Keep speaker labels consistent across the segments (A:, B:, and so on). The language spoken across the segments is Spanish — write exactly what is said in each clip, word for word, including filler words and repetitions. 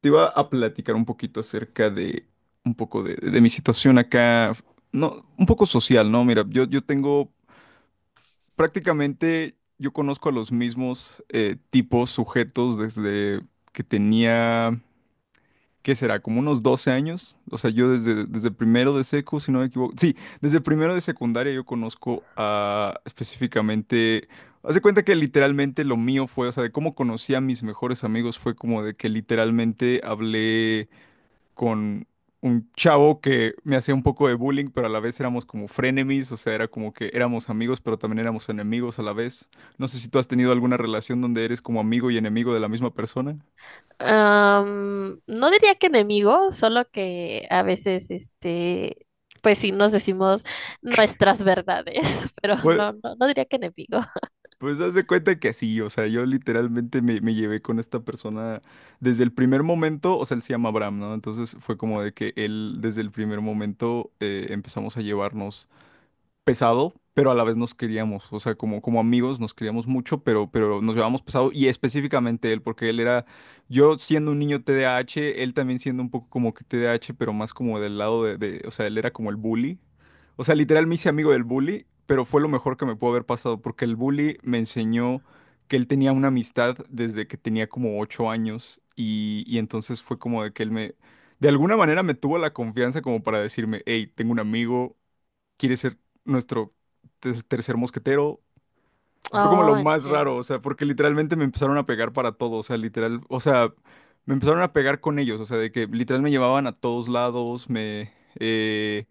A: Te iba a platicar un poquito acerca de un poco de, de mi situación acá, no, un poco social, ¿no? Mira, yo, yo tengo prácticamente, yo conozco a los mismos eh, tipos, sujetos desde que tenía, ¿qué será? Como unos doce años. O sea, yo desde, desde primero de secu, si no me equivoco. Sí, desde primero de secundaria yo conozco a específicamente... Haz de cuenta que literalmente lo mío fue, o sea, de cómo conocí a mis mejores amigos fue como de que literalmente hablé con un chavo que me hacía un poco de bullying, pero a la vez éramos como frenemies, o sea, era como que éramos amigos, pero también éramos enemigos a la vez. No sé si tú has tenido alguna relación donde eres como amigo y enemigo de la misma persona.
B: Am, no diría que enemigo, solo que a veces, este, pues sí nos decimos nuestras verdades, pero
A: Pues,
B: no, no, no diría que enemigo.
A: pues haz de cuenta que sí, o sea, yo literalmente me, me llevé con esta persona desde el primer momento, o sea, él se llama Abraham, ¿no? Entonces fue como de que él desde el primer momento eh, empezamos a llevarnos pesado, pero a la vez nos queríamos, o sea, como, como amigos nos queríamos mucho, pero, pero nos llevábamos pesado y específicamente él, porque él era, yo siendo un niño T D A hache, él también siendo un poco como que T D A hache, pero más como del lado de, de- o sea, él era como el bully, o sea, literal me hice amigo del bully, pero fue lo mejor que me pudo haber pasado, porque el bully me enseñó que él tenía una amistad desde que tenía como ocho años y, y entonces fue como de que él me... De alguna manera me tuvo la confianza como para decirme, hey, tengo un amigo, quiere ser nuestro te- tercer mosquetero. Y fue como lo
B: Oh,
A: más raro,
B: entiendo.
A: o sea, porque literalmente me empezaron a pegar para todo, o sea, literal, o sea, me empezaron a pegar con ellos, o sea, de que literal me llevaban a todos lados, me, eh,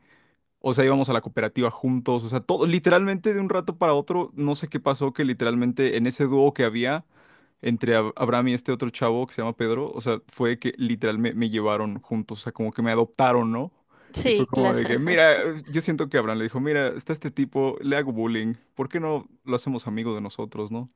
A: o sea, íbamos a la cooperativa juntos, o sea, todo, literalmente de un rato para otro, no sé qué pasó, que literalmente en ese dúo que había entre Ab- Abraham y este otro chavo que se llama Pedro, o sea, fue que literal me, me llevaron juntos, o sea, como que me adoptaron, ¿no? Y fue
B: Sí,
A: como
B: claro.
A: de que, mira, eh, yo siento que Abraham le dijo, mira, está este tipo, le hago bullying, ¿por qué no lo hacemos amigo de nosotros, ¿no?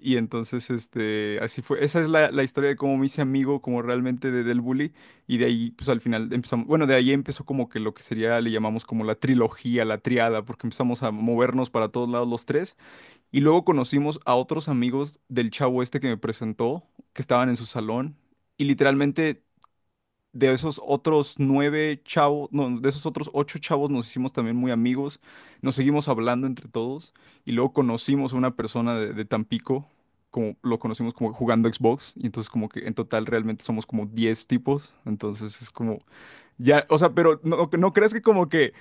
A: Y entonces, este, así fue. Esa es la, la historia de cómo me hice amigo, como realmente de, del bully. Y de ahí, pues al final empezamos, bueno, de ahí empezó como que lo que sería, le llamamos como la trilogía, la triada, porque empezamos a movernos para todos lados los tres. Y luego conocimos a otros amigos del chavo este que me presentó, que estaban en su salón. Y literalmente de esos otros nueve chavos, no, de esos otros ocho chavos nos hicimos también muy amigos, nos seguimos hablando entre todos y luego conocimos a una persona de, de Tampico, como lo conocimos como jugando Xbox y entonces como que en total realmente somos como diez tipos, entonces es como, ya, o sea, pero no, no crees que como que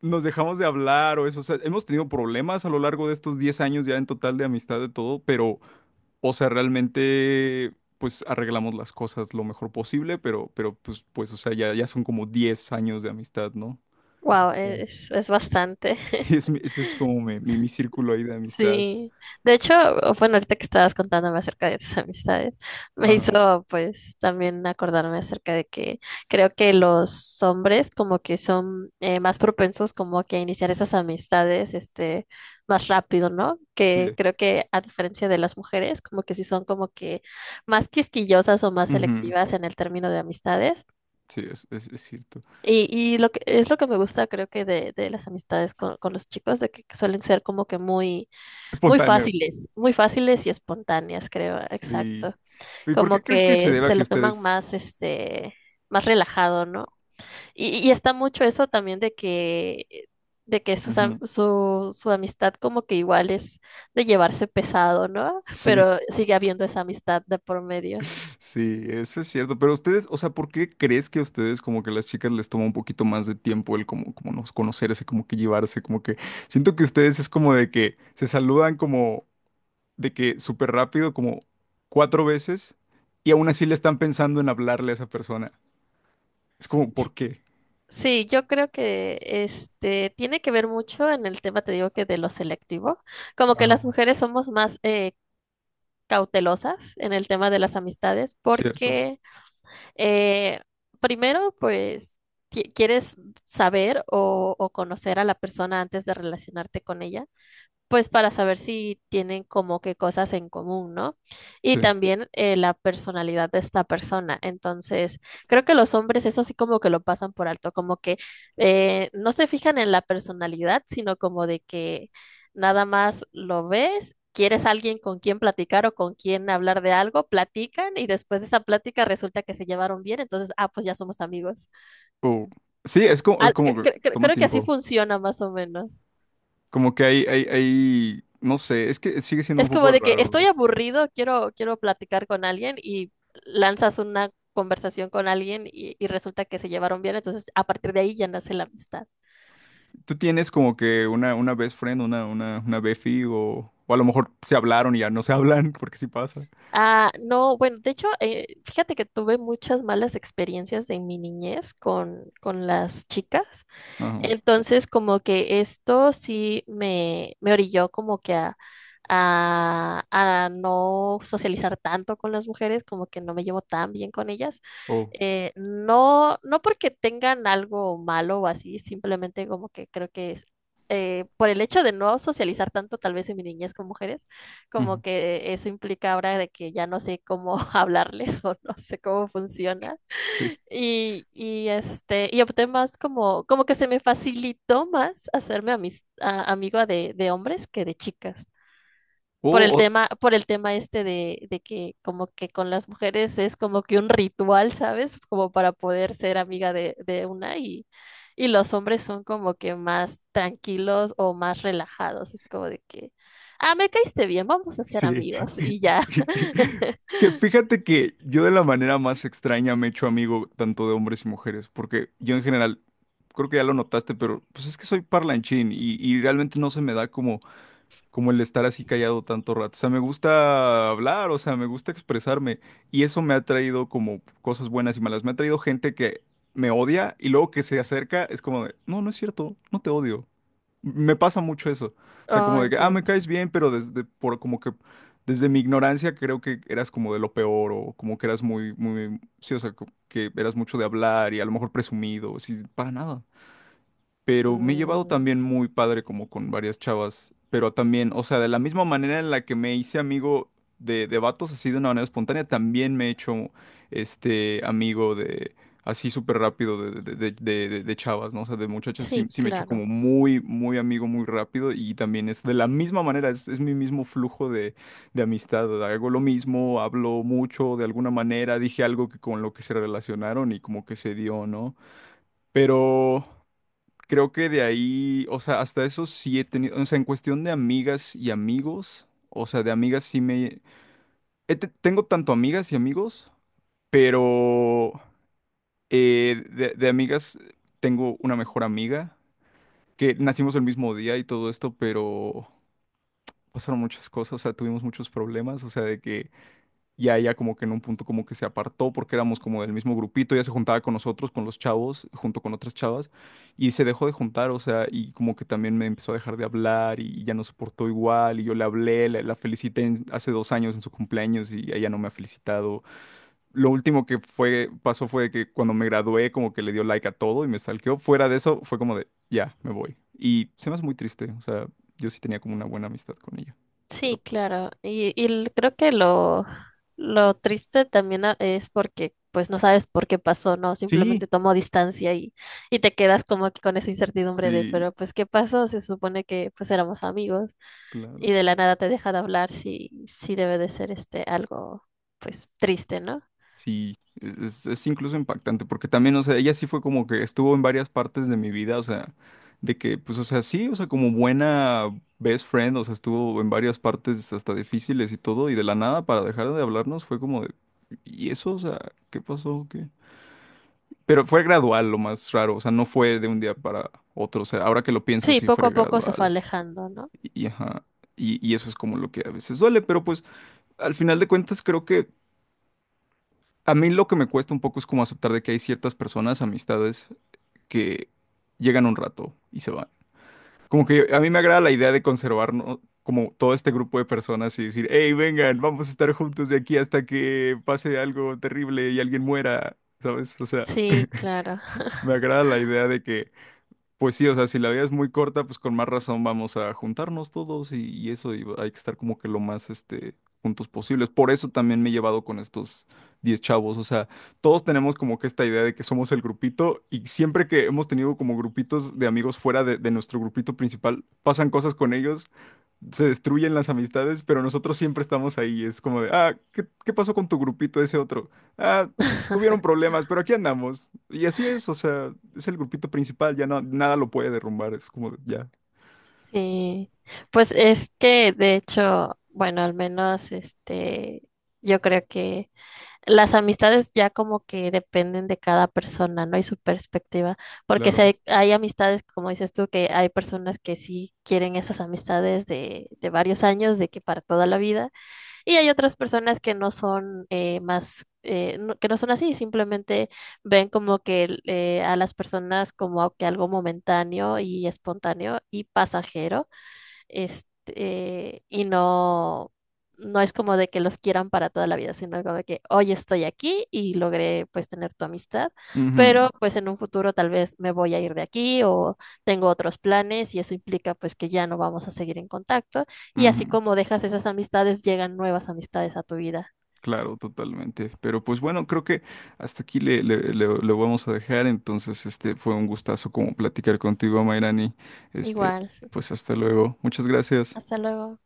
A: nos dejamos de hablar o eso. O sea, hemos tenido problemas a lo largo de estos diez años ya en total de amistad de todo, pero o sea, realmente, pues arreglamos las cosas lo mejor posible, pero, pero pues, pues, o sea, ya, ya son como diez años de amistad, ¿no? Es
B: Wow,
A: como-
B: es, es bastante.
A: Sí, es, mi- ese es como mi, mi, mi círculo ahí de amistad.
B: Sí, de hecho, bueno, ahorita que estabas contándome acerca de tus amistades, me
A: Ajá,
B: hizo pues también acordarme acerca de que creo que los hombres como que son eh, más propensos como que a iniciar esas amistades este más rápido, ¿no? Que
A: sí.
B: creo que a diferencia de las mujeres, como que sí son como que más quisquillosas o más
A: Ujú,
B: selectivas en el término de amistades.
A: sí, es, es, es cierto.
B: Y, y lo que es lo que me gusta creo que de, de las amistades con, con los chicos, de que suelen ser como que muy muy
A: Espontáneos,
B: fáciles, muy fáciles y espontáneas, creo,
A: sí.
B: exacto.
A: ¿Y por
B: Como
A: qué crees que se
B: que
A: deba
B: se
A: que
B: lo toman
A: ustedes...
B: más, este, más relajado, ¿no? Y, y está mucho eso también de que, de que sus am-
A: Ujú,
B: su, su amistad como que igual es de llevarse pesado, ¿no?
A: sí.
B: Pero sigue habiendo esa amistad de por medio.
A: Sí, eso es cierto. Pero ustedes, o sea, ¿por qué crees que a ustedes como que a las chicas les toma un poquito más de tiempo el como, como nos conocerse, como que llevarse, como que siento que ustedes es como de que se saludan como de que súper rápido, como cuatro veces, y aún así le están pensando en hablarle a esa persona. Es como, ¿por
B: S-
A: qué?
B: Sí, yo creo que este tiene que ver mucho en el tema, te digo que de lo selectivo, como que
A: Ajá,
B: las mujeres somos más eh, cautelosas en el tema de las amistades
A: cierto,
B: porque Eh, primero, pues, qui- ¿quieres saber o, o conocer a la persona antes de relacionarte con ella? Pues para saber si tienen como que cosas en común, ¿no? Y
A: sí.
B: también eh, la personalidad de esta persona. Entonces, creo que los hombres eso sí como que lo pasan por alto, como que eh, no se fijan en la personalidad, sino como de que nada más lo ves. Quieres alguien con quien platicar o con quien hablar de algo, platican y después de esa plática resulta que se llevaron bien, entonces, ah, pues ya somos amigos.
A: O- sí, es como, es
B: Al-
A: como
B: cre-
A: que
B: cre- cre-
A: toma
B: creo que así
A: tiempo.
B: funciona más o menos.
A: Como que hay, hay, hay, no sé, es que sigue siendo un
B: Es
A: poco
B: como de que estoy
A: raro.
B: aburrido, quiero, quiero platicar con alguien y lanzas una conversación con alguien y, y resulta que se llevaron bien, entonces a partir de ahí ya nace la amistad.
A: ¿Tú tienes como que una, una best friend, una, una, una befi o, o a lo mejor se hablaron y ya no se hablan porque sí pasa?
B: Ah, no, bueno, de hecho, eh, fíjate que tuve muchas malas experiencias en mi niñez con, con las chicas.
A: Ajá.
B: Entonces, como que esto sí me, me orilló como que a, a, a no socializar tanto con las mujeres, como que no me llevo tan bien con ellas.
A: Oh,
B: Eh, no, no porque tengan algo malo o así, simplemente como que creo que es, eh, por el hecho de no socializar tanto, tal vez en mi niñez con mujeres, como
A: ujú,
B: que eso implica ahora de que ya no sé cómo hablarles o no sé cómo funciona.
A: sí.
B: Y, y, este, y opté más como, como que se me facilitó más hacerme amis- a- amiga de, de hombres que de chicas. Por el
A: Oh, oh,
B: tema, por el tema este de, de que como que con las mujeres es como que un ritual, ¿sabes? Como para poder ser amiga de, de una y, y los hombres son como que más tranquilos o más relajados. Es como de que, ah, me caíste bien, vamos a ser
A: sí.
B: amigos y ya.
A: Que fíjate que yo de la manera más extraña me he hecho amigo tanto de hombres y mujeres, porque yo en general, creo que ya lo notaste, pero pues es que soy parlanchín y, y realmente no se me da como como el estar así callado tanto rato. O sea, me gusta hablar, o sea, me gusta expresarme. Y eso me ha traído como cosas buenas y malas. Me ha traído gente que me odia y luego que se acerca es como de, no, no es cierto, no te odio. Me pasa mucho eso. O sea,
B: Oh,
A: como de que, ah, me
B: entiendo.
A: caes bien, pero desde, por, como que, desde mi ignorancia creo que eras como de lo peor o como que eras muy, muy, sí, o sea, co- que eras mucho de hablar y a lo mejor presumido, sí, para nada, pero me he llevado
B: Mm,
A: también muy padre como con varias chavas, pero también, o sea, de la misma manera en la que me hice amigo de, de vatos así de una manera espontánea, también me he hecho este amigo de así súper rápido de, de, de- de- de- de chavas, ¿no? O sea, de muchachas sí,
B: sí,
A: sí me he hecho como
B: claro.
A: muy, muy amigo muy rápido y también es de la misma manera, es, es mi mismo flujo de, de amistad, hago lo mismo, hablo mucho de alguna manera, dije algo que con lo que se relacionaron y como que se dio, ¿no? Pero... Creo que de ahí, o sea, hasta eso sí he tenido, o sea, en cuestión de amigas y amigos, o sea, de amigas sí me... he te- tengo tanto amigas y amigos, pero eh, de, de amigas tengo una mejor amiga, que nacimos el mismo día y todo esto, pero pasaron muchas cosas, o sea, tuvimos muchos problemas, o sea, de que y a ella como que en un punto como que se apartó porque éramos como del mismo grupito, ella se juntaba con nosotros, con los chavos, junto con otras chavas, y se dejó de juntar, o sea, y como que también me empezó a dejar de hablar y ya no soportó igual, y yo le hablé, la, la felicité en- hace dos años en su cumpleaños y ella no me ha felicitado. Lo último que fue, pasó fue que cuando me gradué como que le dio like a todo y me stalkeó. Fuera de eso fue como de, ya, me voy. Y se me hace muy triste, o sea, yo sí tenía como una buena amistad con ella. Pero
B: Sí, claro. Y, y l- creo que lo, lo triste también a- es porque pues no sabes por qué pasó, ¿no?
A: sí,
B: Simplemente tomó distancia y, y te quedas como que con esa incertidumbre de,
A: sí,
B: pero pues ¿qué pasó? Se supone que pues éramos amigos y
A: claro.
B: de la nada te deja de hablar, sí, sí debe de ser este algo pues triste, ¿no?
A: Sí, es, es incluso impactante, porque también, o sea, ella sí fue como que estuvo en varias partes de mi vida, o sea, de que, pues, o sea, sí, o sea, como buena best friend, o sea, estuvo en varias partes hasta difíciles y todo, y de la nada, para dejar de hablarnos, fue como de, ¿y eso? O sea, ¿qué pasó? ¿Qué? Pero fue gradual, lo más raro, o sea, no fue de un día para otro, o sea, ahora que lo pienso,
B: Sí,
A: sí
B: poco a
A: fue
B: poco se fue
A: gradual,
B: alejando, ¿no?
A: y, y ajá, y, y eso es como lo que a veces duele, pero pues, al final de cuentas, creo que a mí lo que me cuesta un poco es como aceptar de que hay ciertas personas, amistades, que llegan un rato y se van. Como que a mí me agrada la idea de conservar, ¿no? Como todo este grupo de personas y decir, hey, vengan, vamos a estar juntos de aquí hasta que pase algo terrible y alguien muera, ¿sabes? O sea,
B: Sí, claro.
A: me agrada la idea de que pues sí, o sea, si la vida es muy corta, pues con más razón vamos a juntarnos todos y, y eso, y hay que estar como que lo más, este, juntos posibles. Por eso también me he llevado con estos diez chavos, o sea, todos tenemos como que esta idea de que somos el grupito y siempre que hemos tenido como grupitos de amigos fuera de, de nuestro grupito principal, pasan cosas con ellos, se destruyen las amistades, pero nosotros siempre estamos ahí. Es como de, ah, ¿qué, qué pasó con tu grupito ese otro? Ah, tuvieron problemas, pero aquí andamos. Y así es, o sea, es el grupito principal, ya no, nada lo puede derrumbar, es como de, ya,
B: Sí, pues es que de hecho, bueno, al menos este, yo creo que las amistades ya como que dependen de cada persona, ¿no? Y su perspectiva, porque si
A: claro.
B: hay, hay amistades, como dices tú, que hay personas que sí quieren esas amistades de, de varios años, de que para toda la vida, y hay otras personas que no son eh, más... eh, no- que no son así, simplemente ven como que el- eh, a las personas como que algo momentáneo y espontáneo y pasajero este, y no, no es como de que los quieran para toda la vida, sino como de que hoy estoy aquí y logré pues tener tu amistad,
A: Ujú,
B: pero pues en un futuro tal vez me voy a ir de aquí o tengo otros planes y eso implica pues que ya no vamos a seguir en contacto y así
A: ujú,
B: como dejas esas amistades, llegan nuevas amistades a tu vida.
A: claro, totalmente. Pero pues bueno, creo que hasta aquí le, le- le- lo vamos a dejar. Entonces, este fue un gustazo como platicar contigo, Mayrani. Este,
B: Igual,
A: pues hasta luego. Muchas gracias.
B: hasta luego.